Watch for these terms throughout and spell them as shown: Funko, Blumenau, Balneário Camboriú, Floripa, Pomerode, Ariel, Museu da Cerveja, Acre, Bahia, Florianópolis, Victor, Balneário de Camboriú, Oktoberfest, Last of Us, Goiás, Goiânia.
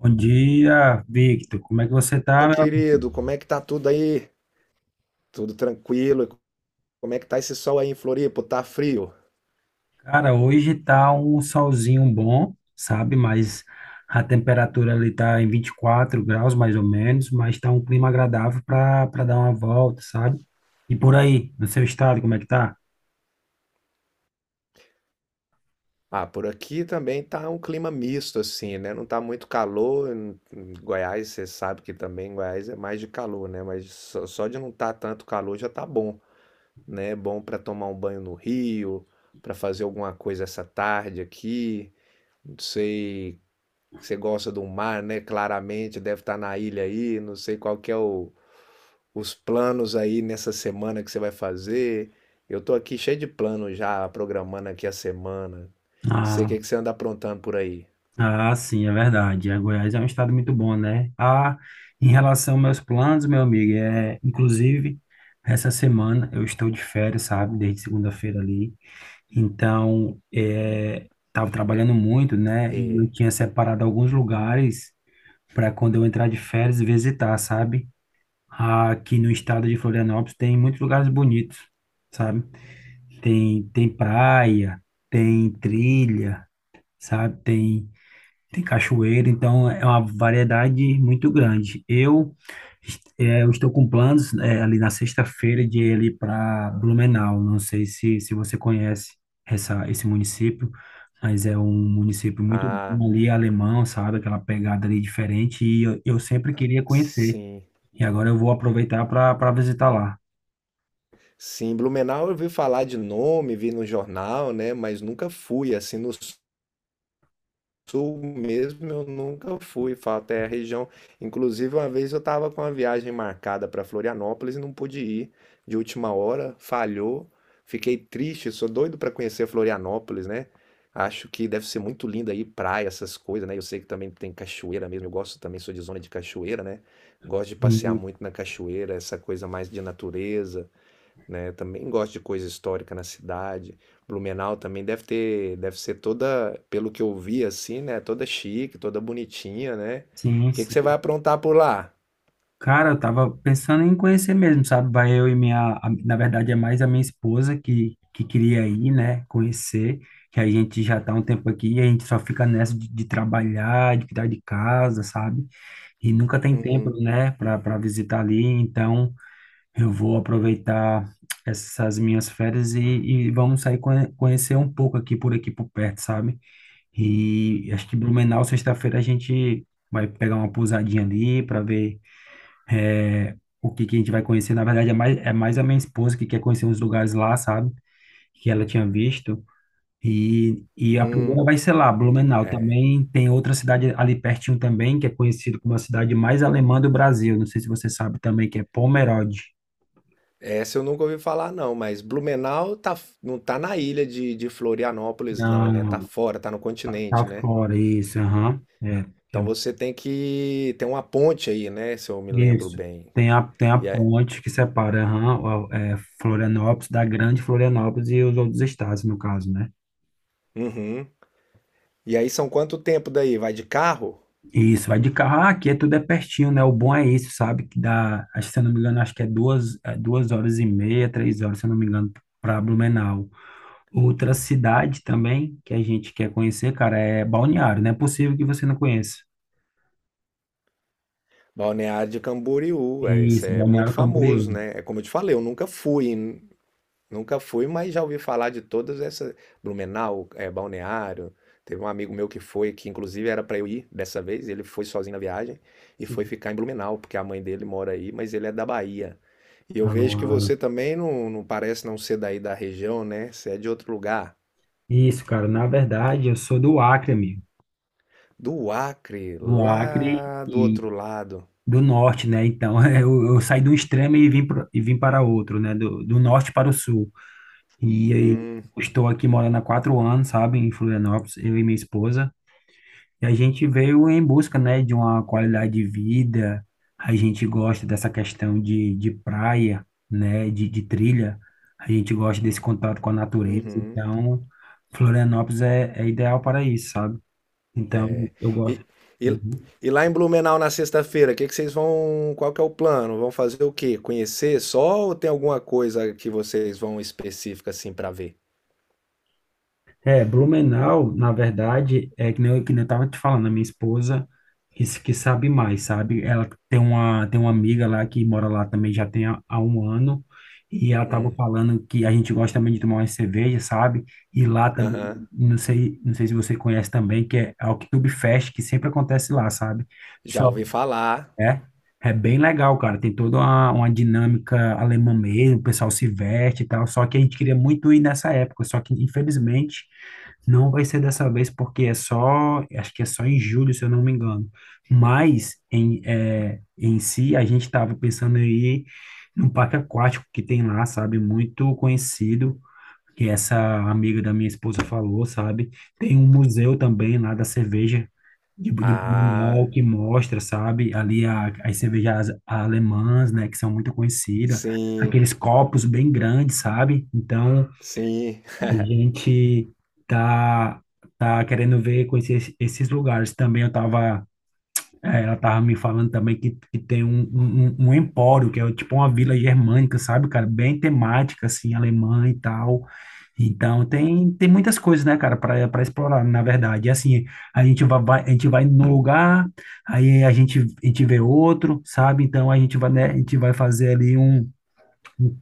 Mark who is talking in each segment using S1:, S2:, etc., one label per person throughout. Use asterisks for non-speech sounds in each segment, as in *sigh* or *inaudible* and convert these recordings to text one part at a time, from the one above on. S1: Bom dia, Victor. Como é que você tá?
S2: Meu
S1: Meu?
S2: querido? Como é que tá tudo aí? Tudo tranquilo? E como é que tá esse sol aí em Floripa? Tá frio?
S1: Cara, hoje tá um solzinho bom, sabe? Mas a temperatura ali tá em 24 graus, mais ou menos, mas tá um clima agradável para dar uma volta, sabe? E por aí, no seu estado, como é que tá?
S2: Ah, por aqui também tá um clima misto, assim, né? Não tá muito calor. Em Goiás, você sabe que também em Goiás é mais de calor, né? Mas só de não tá tanto calor já tá bom, né? É. Bom pra tomar um banho no rio, pra fazer alguma coisa essa tarde aqui. Não sei, você gosta do mar, né? Claramente, deve estar na ilha aí. Não sei qual que é o os planos aí nessa semana que você vai fazer. Eu tô aqui cheio de planos já, programando aqui a semana. Não sei o
S1: Ah,
S2: que que você anda aprontando por aí.
S1: ah, sim, é verdade. A Goiás é um estado muito bom, né? Ah, em relação aos meus planos, meu amigo, é, inclusive, essa semana eu estou de férias, sabe? Desde segunda-feira ali. Então, é, tava trabalhando muito, né? E eu
S2: E,
S1: tinha separado alguns lugares para quando eu entrar de férias visitar, sabe? Aqui no estado de Florianópolis tem muitos lugares bonitos, sabe? Tem praia, tem trilha, sabe? Tem cachoeira, então é uma variedade muito grande. Eu estou com planos, ali na sexta-feira de ir ali para Blumenau. Não sei se você conhece esse município, mas é um município muito
S2: ah,
S1: bom ali alemão, sabe? Aquela pegada ali diferente e eu sempre queria conhecer.
S2: sim.
S1: E agora eu vou aproveitar para visitar lá.
S2: Sim, Blumenau eu vi falar de nome, vi no jornal, né? Mas nunca fui assim nos Sul mesmo eu nunca fui, falo, até a região. Inclusive, uma vez eu estava com uma viagem marcada para Florianópolis e não pude ir de última hora, falhou. Fiquei triste, sou doido para conhecer Florianópolis, né? Acho que deve ser muito lindo aí, praia, essas coisas, né? Eu sei que também tem cachoeira mesmo, eu gosto também, sou de zona de cachoeira, né? Gosto de passear
S1: Sim,
S2: muito na cachoeira, essa coisa mais de natureza, né? Eu também gosto de coisa histórica na cidade. Blumenau também deve ter, deve ser toda, pelo que eu vi assim, né? Toda chique, toda bonitinha, né?
S1: sim,
S2: O que que
S1: sim.
S2: você vai aprontar por lá?
S1: Cara, eu tava pensando em conhecer mesmo, sabe? Vai eu e na verdade é mais a minha esposa que queria ir, né? Conhecer, que a gente já tá um tempo aqui e a gente só fica nessa de trabalhar, de cuidar de casa, sabe? E nunca tem tempo,
S2: Hum,
S1: né, para visitar ali. Então, eu vou aproveitar essas minhas férias e vamos sair conhecer um pouco aqui por perto, sabe? E acho que Blumenau, sexta-feira, a gente vai pegar uma pousadinha ali para ver é, o que, que a gente vai conhecer. Na verdade, é mais a minha esposa que quer conhecer uns lugares lá, sabe? Que ela tinha visto. E a primeira
S2: hum,
S1: vai ser lá, Blumenau.
S2: é.
S1: Também tem outra cidade ali pertinho também, que é conhecido como a cidade mais alemã do Brasil. Não sei se você sabe também, que é Pomerode.
S2: Essa eu nunca ouvi falar não, mas Blumenau tá, não tá na ilha de Florianópolis não, né? Tá
S1: Não,
S2: fora, tá no
S1: tá,
S2: continente,
S1: tá
S2: né?
S1: fora, isso, aham. É, é,
S2: Então você tem que tem uma ponte aí, né? Se eu me lembro
S1: isso.
S2: bem.
S1: Tem a
S2: E aí,
S1: ponte que separa, aham, Florianópolis, da Grande Florianópolis e os outros estados, no caso, né?
S2: uhum. E aí são quanto tempo daí? Vai de carro?
S1: Isso, vai de carro. Ah, aqui é tudo é pertinho, né? O bom é isso, sabe? Que dá, acho, que, se eu não me engano, acho que é 2 horas e meia, 3 horas, se eu não me engano, para Blumenau. Outra cidade também que a gente quer conhecer, cara, é Balneário. Não é possível que você não conheça.
S2: Balneário de Camboriú, é, isso
S1: Isso,
S2: é muito
S1: Balneário
S2: famoso,
S1: Camboriú.
S2: né? É como eu te falei, eu nunca fui, nunca fui, mas já ouvi falar de todas essas, Blumenau, é, Balneário. Teve um amigo meu que foi, que inclusive era para eu ir dessa vez, ele foi sozinho na viagem e foi
S1: Sim.
S2: ficar em Blumenau, porque a mãe dele mora aí, mas ele é da Bahia. E eu vejo que
S1: Ah,
S2: você também não, não parece não ser daí da região, né? Você é de outro lugar.
S1: isso, cara. Na verdade, eu sou do Acre, amigo.
S2: Do Acre,
S1: Do Acre
S2: lá do
S1: e
S2: outro lado.
S1: do norte, né? Então, *laughs* eu saí de um extremo e vim para outro, né? Do norte para o sul. E aí,
S2: Hum,
S1: estou aqui morando há 4 anos, sabe, em Florianópolis, eu e minha esposa. E a gente veio em busca, né, de uma qualidade de vida. A gente gosta dessa questão de praia, né, de trilha. A gente gosta desse contato com a natureza.
S2: uhum.
S1: Então, Florianópolis é ideal para isso, sabe? Então,
S2: É.
S1: eu gosto.
S2: E, e,
S1: Uhum.
S2: e lá em Blumenau na sexta-feira, que vocês vão, qual que é o plano? Vão fazer o quê? Conhecer só ou tem alguma coisa que vocês vão específica assim pra ver?
S1: É, Blumenau, na verdade, é que nem eu, tava te falando, a minha esposa que sabe mais, sabe? Ela tem uma amiga lá que mora lá também já tem há um ano, e ela tava
S2: Hum.
S1: falando que a gente gosta também de tomar uma cerveja, sabe? E lá também,
S2: Aham.
S1: não sei se você conhece também, que é a Oktoberfest, que sempre acontece lá, sabe?
S2: Já
S1: Só
S2: ouvi falar.
S1: é, é bem legal, cara, tem toda uma dinâmica alemã mesmo, o pessoal se veste e tal, só que a gente queria muito ir nessa época, só que infelizmente não vai ser dessa vez porque é só, acho que é só em julho, se eu não me engano. Mas em si a gente estava pensando aí no parque aquático que tem lá, sabe? Muito conhecido, que essa amiga da minha esposa falou, sabe? Tem um museu também lá da cerveja de
S2: Ah,
S1: Blumenau que mostra, sabe? Ali as cervejas alemãs, né? Que são muito conhecidas,
S2: sim.
S1: aqueles copos bem grandes, sabe? Então
S2: Sim.
S1: a
S2: *laughs*
S1: gente tá, tá querendo ver, conhecer esses lugares. Também ela tava me falando também que tem um empório, que é tipo uma vila germânica, sabe, cara? Bem temática, assim, alemã e tal. Então tem muitas coisas, né, cara, para explorar, na verdade. E assim, a gente vai num lugar, aí a gente vê outro, sabe? Então a gente vai, né, a gente vai fazer ali um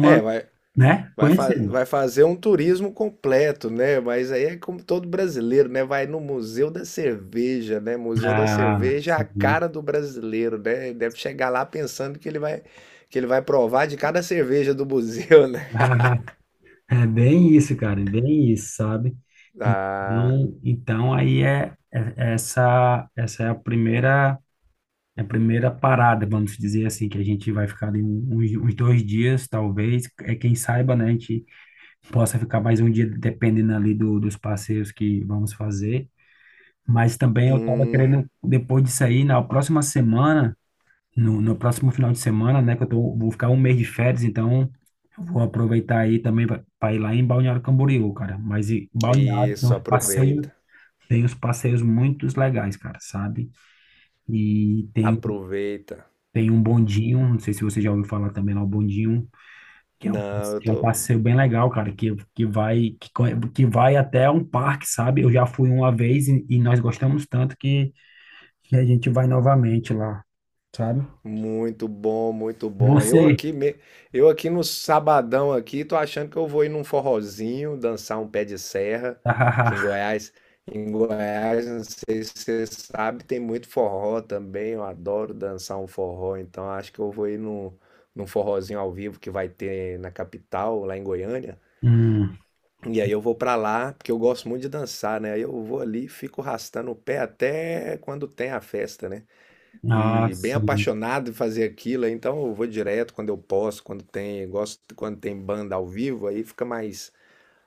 S2: É, vai,
S1: né?
S2: vai,
S1: Conhecendo.
S2: vai fazer um turismo completo, né? Mas aí é como todo brasileiro, né? Vai no Museu da Cerveja, né? Museu da
S1: Ah,
S2: Cerveja é a
S1: sim.
S2: cara do brasileiro, né? Ele deve chegar lá pensando que ele vai provar de cada cerveja do museu, né?
S1: *laughs*
S2: *laughs*
S1: Ah, é bem isso, cara, é bem isso, sabe?
S2: Ah,
S1: Então aí essa é a primeira parada, vamos dizer assim, que a gente vai ficar ali uns 2 dias, talvez, é quem saiba, né? A gente possa ficar mais um dia, dependendo ali dos passeios que vamos fazer. Mas também eu tava
S2: hum,
S1: querendo, depois disso aí, na próxima semana no próximo final de semana, né? Que eu vou ficar um mês de férias, então eu vou aproveitar aí também para ir lá em Balneário Camboriú, cara. Mas e, Balneário tem
S2: isso,
S1: uns
S2: aproveita,
S1: passeios, tem uns passeios muito legais, cara, sabe? E tem, o-
S2: aproveita.
S1: tem um bondinho, não sei se você já ouviu falar também lá, o bondinho, que é um,
S2: Não, eu
S1: que é um
S2: tô,
S1: passeio bem legal, cara, que vai até um parque, sabe? Eu já fui uma vez e nós gostamos tanto que a gente vai novamente lá, sabe?
S2: muito bom, muito bom. Eu
S1: Você.
S2: aqui, eu aqui no sabadão aqui, tô achando que eu vou ir num forrozinho, dançar um pé de serra, que
S1: *laughs*
S2: Em Goiás, não sei se você sabe, tem muito forró também. Eu adoro dançar um forró, então acho que eu vou ir num, num forrozinho ao vivo que vai ter na capital, lá em Goiânia.
S1: Hum,
S2: E aí eu vou pra lá, porque eu gosto muito de dançar, né? Aí eu vou ali, e fico arrastando o pé até quando tem a festa, né?
S1: ah,
S2: E bem
S1: sim.
S2: apaixonado em fazer aquilo, aí então eu vou direto quando eu posso, quando tem, gosto quando tem banda ao vivo, aí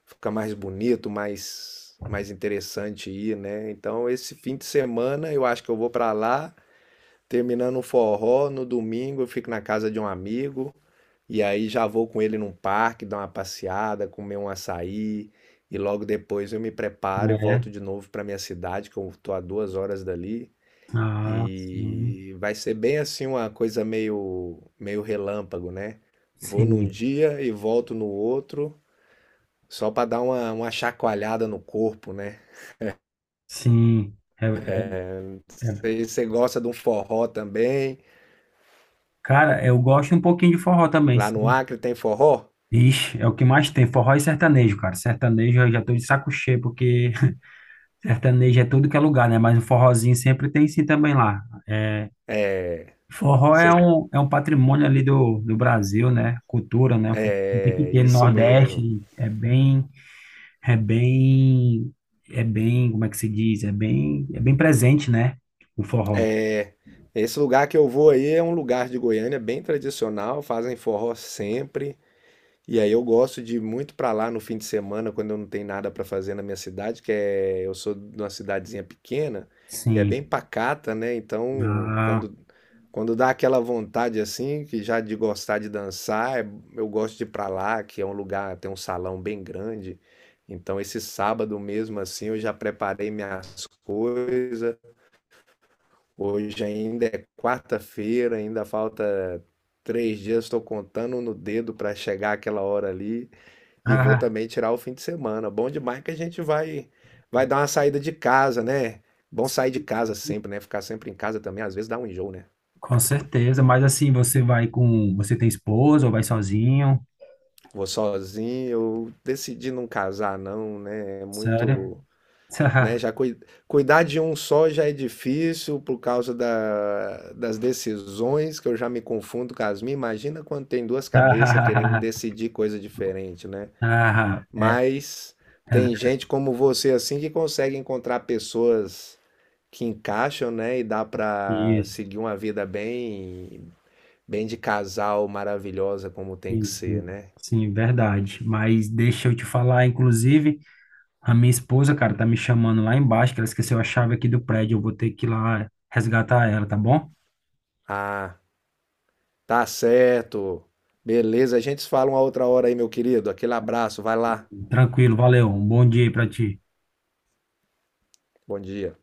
S2: fica mais bonito, mais interessante ir, né? Então esse fim de semana eu acho que eu vou pra lá, terminando o forró, no domingo eu fico na casa de um amigo e aí já vou com ele num parque, dar uma passeada, comer um açaí e logo depois eu me preparo e
S1: É.
S2: volto de novo pra minha cidade, que eu tô a 2 horas dali.
S1: Ah, sim.
S2: E vai ser bem assim uma coisa meio relâmpago, né? Vou num
S1: Sim.
S2: dia e volto no outro, só para dar uma chacoalhada no corpo, né?
S1: Sim. É, é, é.
S2: Você gosta de um forró também?
S1: Cara, eu gosto um pouquinho de forró também,
S2: Lá no
S1: sim.
S2: Acre tem forró?
S1: Ixi, é o que mais tem, forró e sertanejo, cara. Sertanejo eu já tô de saco cheio, porque *laughs* sertanejo é tudo que é lugar, né? Mas o forrozinho sempre tem sim também lá. É,
S2: É,
S1: forró é
S2: cer-
S1: um, é um patrimônio ali do Brasil, né? Cultura, né? O forrozinho tem que
S2: é
S1: ter no
S2: isso mesmo.
S1: Nordeste, é bem... É bem, é bem, como é que se diz? É bem presente, né? O forró.
S2: Esse lugar que eu vou aí é um lugar de Goiânia bem tradicional, fazem forró sempre. E aí eu gosto de ir muito pra lá no fim de semana, quando eu não tenho nada pra fazer na minha cidade, que é, eu sou de uma cidadezinha pequena e é bem
S1: Sim.
S2: pacata, né? Então,
S1: Ah,
S2: quando dá aquela vontade assim, que já de gostar de dançar, eu gosto de ir pra lá, que é um lugar, tem um salão bem grande. Então, esse sábado mesmo assim, eu já preparei minhas coisas. Hoje ainda é quarta-feira, ainda falta 3 dias, estou contando no dedo pra chegar aquela hora ali. E vou
S1: ah,
S2: também tirar o fim de semana. Bom demais que a gente vai dar uma saída de casa, né? Bom sair de casa sempre, né? Ficar sempre em casa também, às vezes dá um enjoo, né?
S1: com certeza. Mas assim, você tem esposa ou vai sozinho?
S2: Vou sozinho, eu decidi não casar, não, né? É
S1: Sério?
S2: muito, né?
S1: *laughs*
S2: Já cuidar de um só já é difícil por causa das decisões, que eu já me confundo com as minhas. Imagina quando tem duas cabeças querendo
S1: Ah,
S2: decidir coisa diferente, né?
S1: ah,
S2: Mas
S1: é
S2: tem
S1: ver-
S2: gente como você assim que consegue encontrar pessoas que encaixam, né? E dá pra
S1: isso.
S2: seguir uma vida bem, bem de casal maravilhosa como tem que
S1: Sim,
S2: ser,
S1: sim.
S2: né?
S1: Sim, verdade. Mas deixa eu te falar, inclusive, a minha esposa, cara, tá me chamando lá embaixo, que ela esqueceu a chave aqui do prédio. Eu vou ter que ir lá resgatar ela, tá bom?
S2: Ah, tá certo. Beleza, a gente se fala uma outra hora aí, meu querido. Aquele abraço, vai lá.
S1: Tranquilo, valeu. Um bom dia aí pra ti.
S2: Bom dia.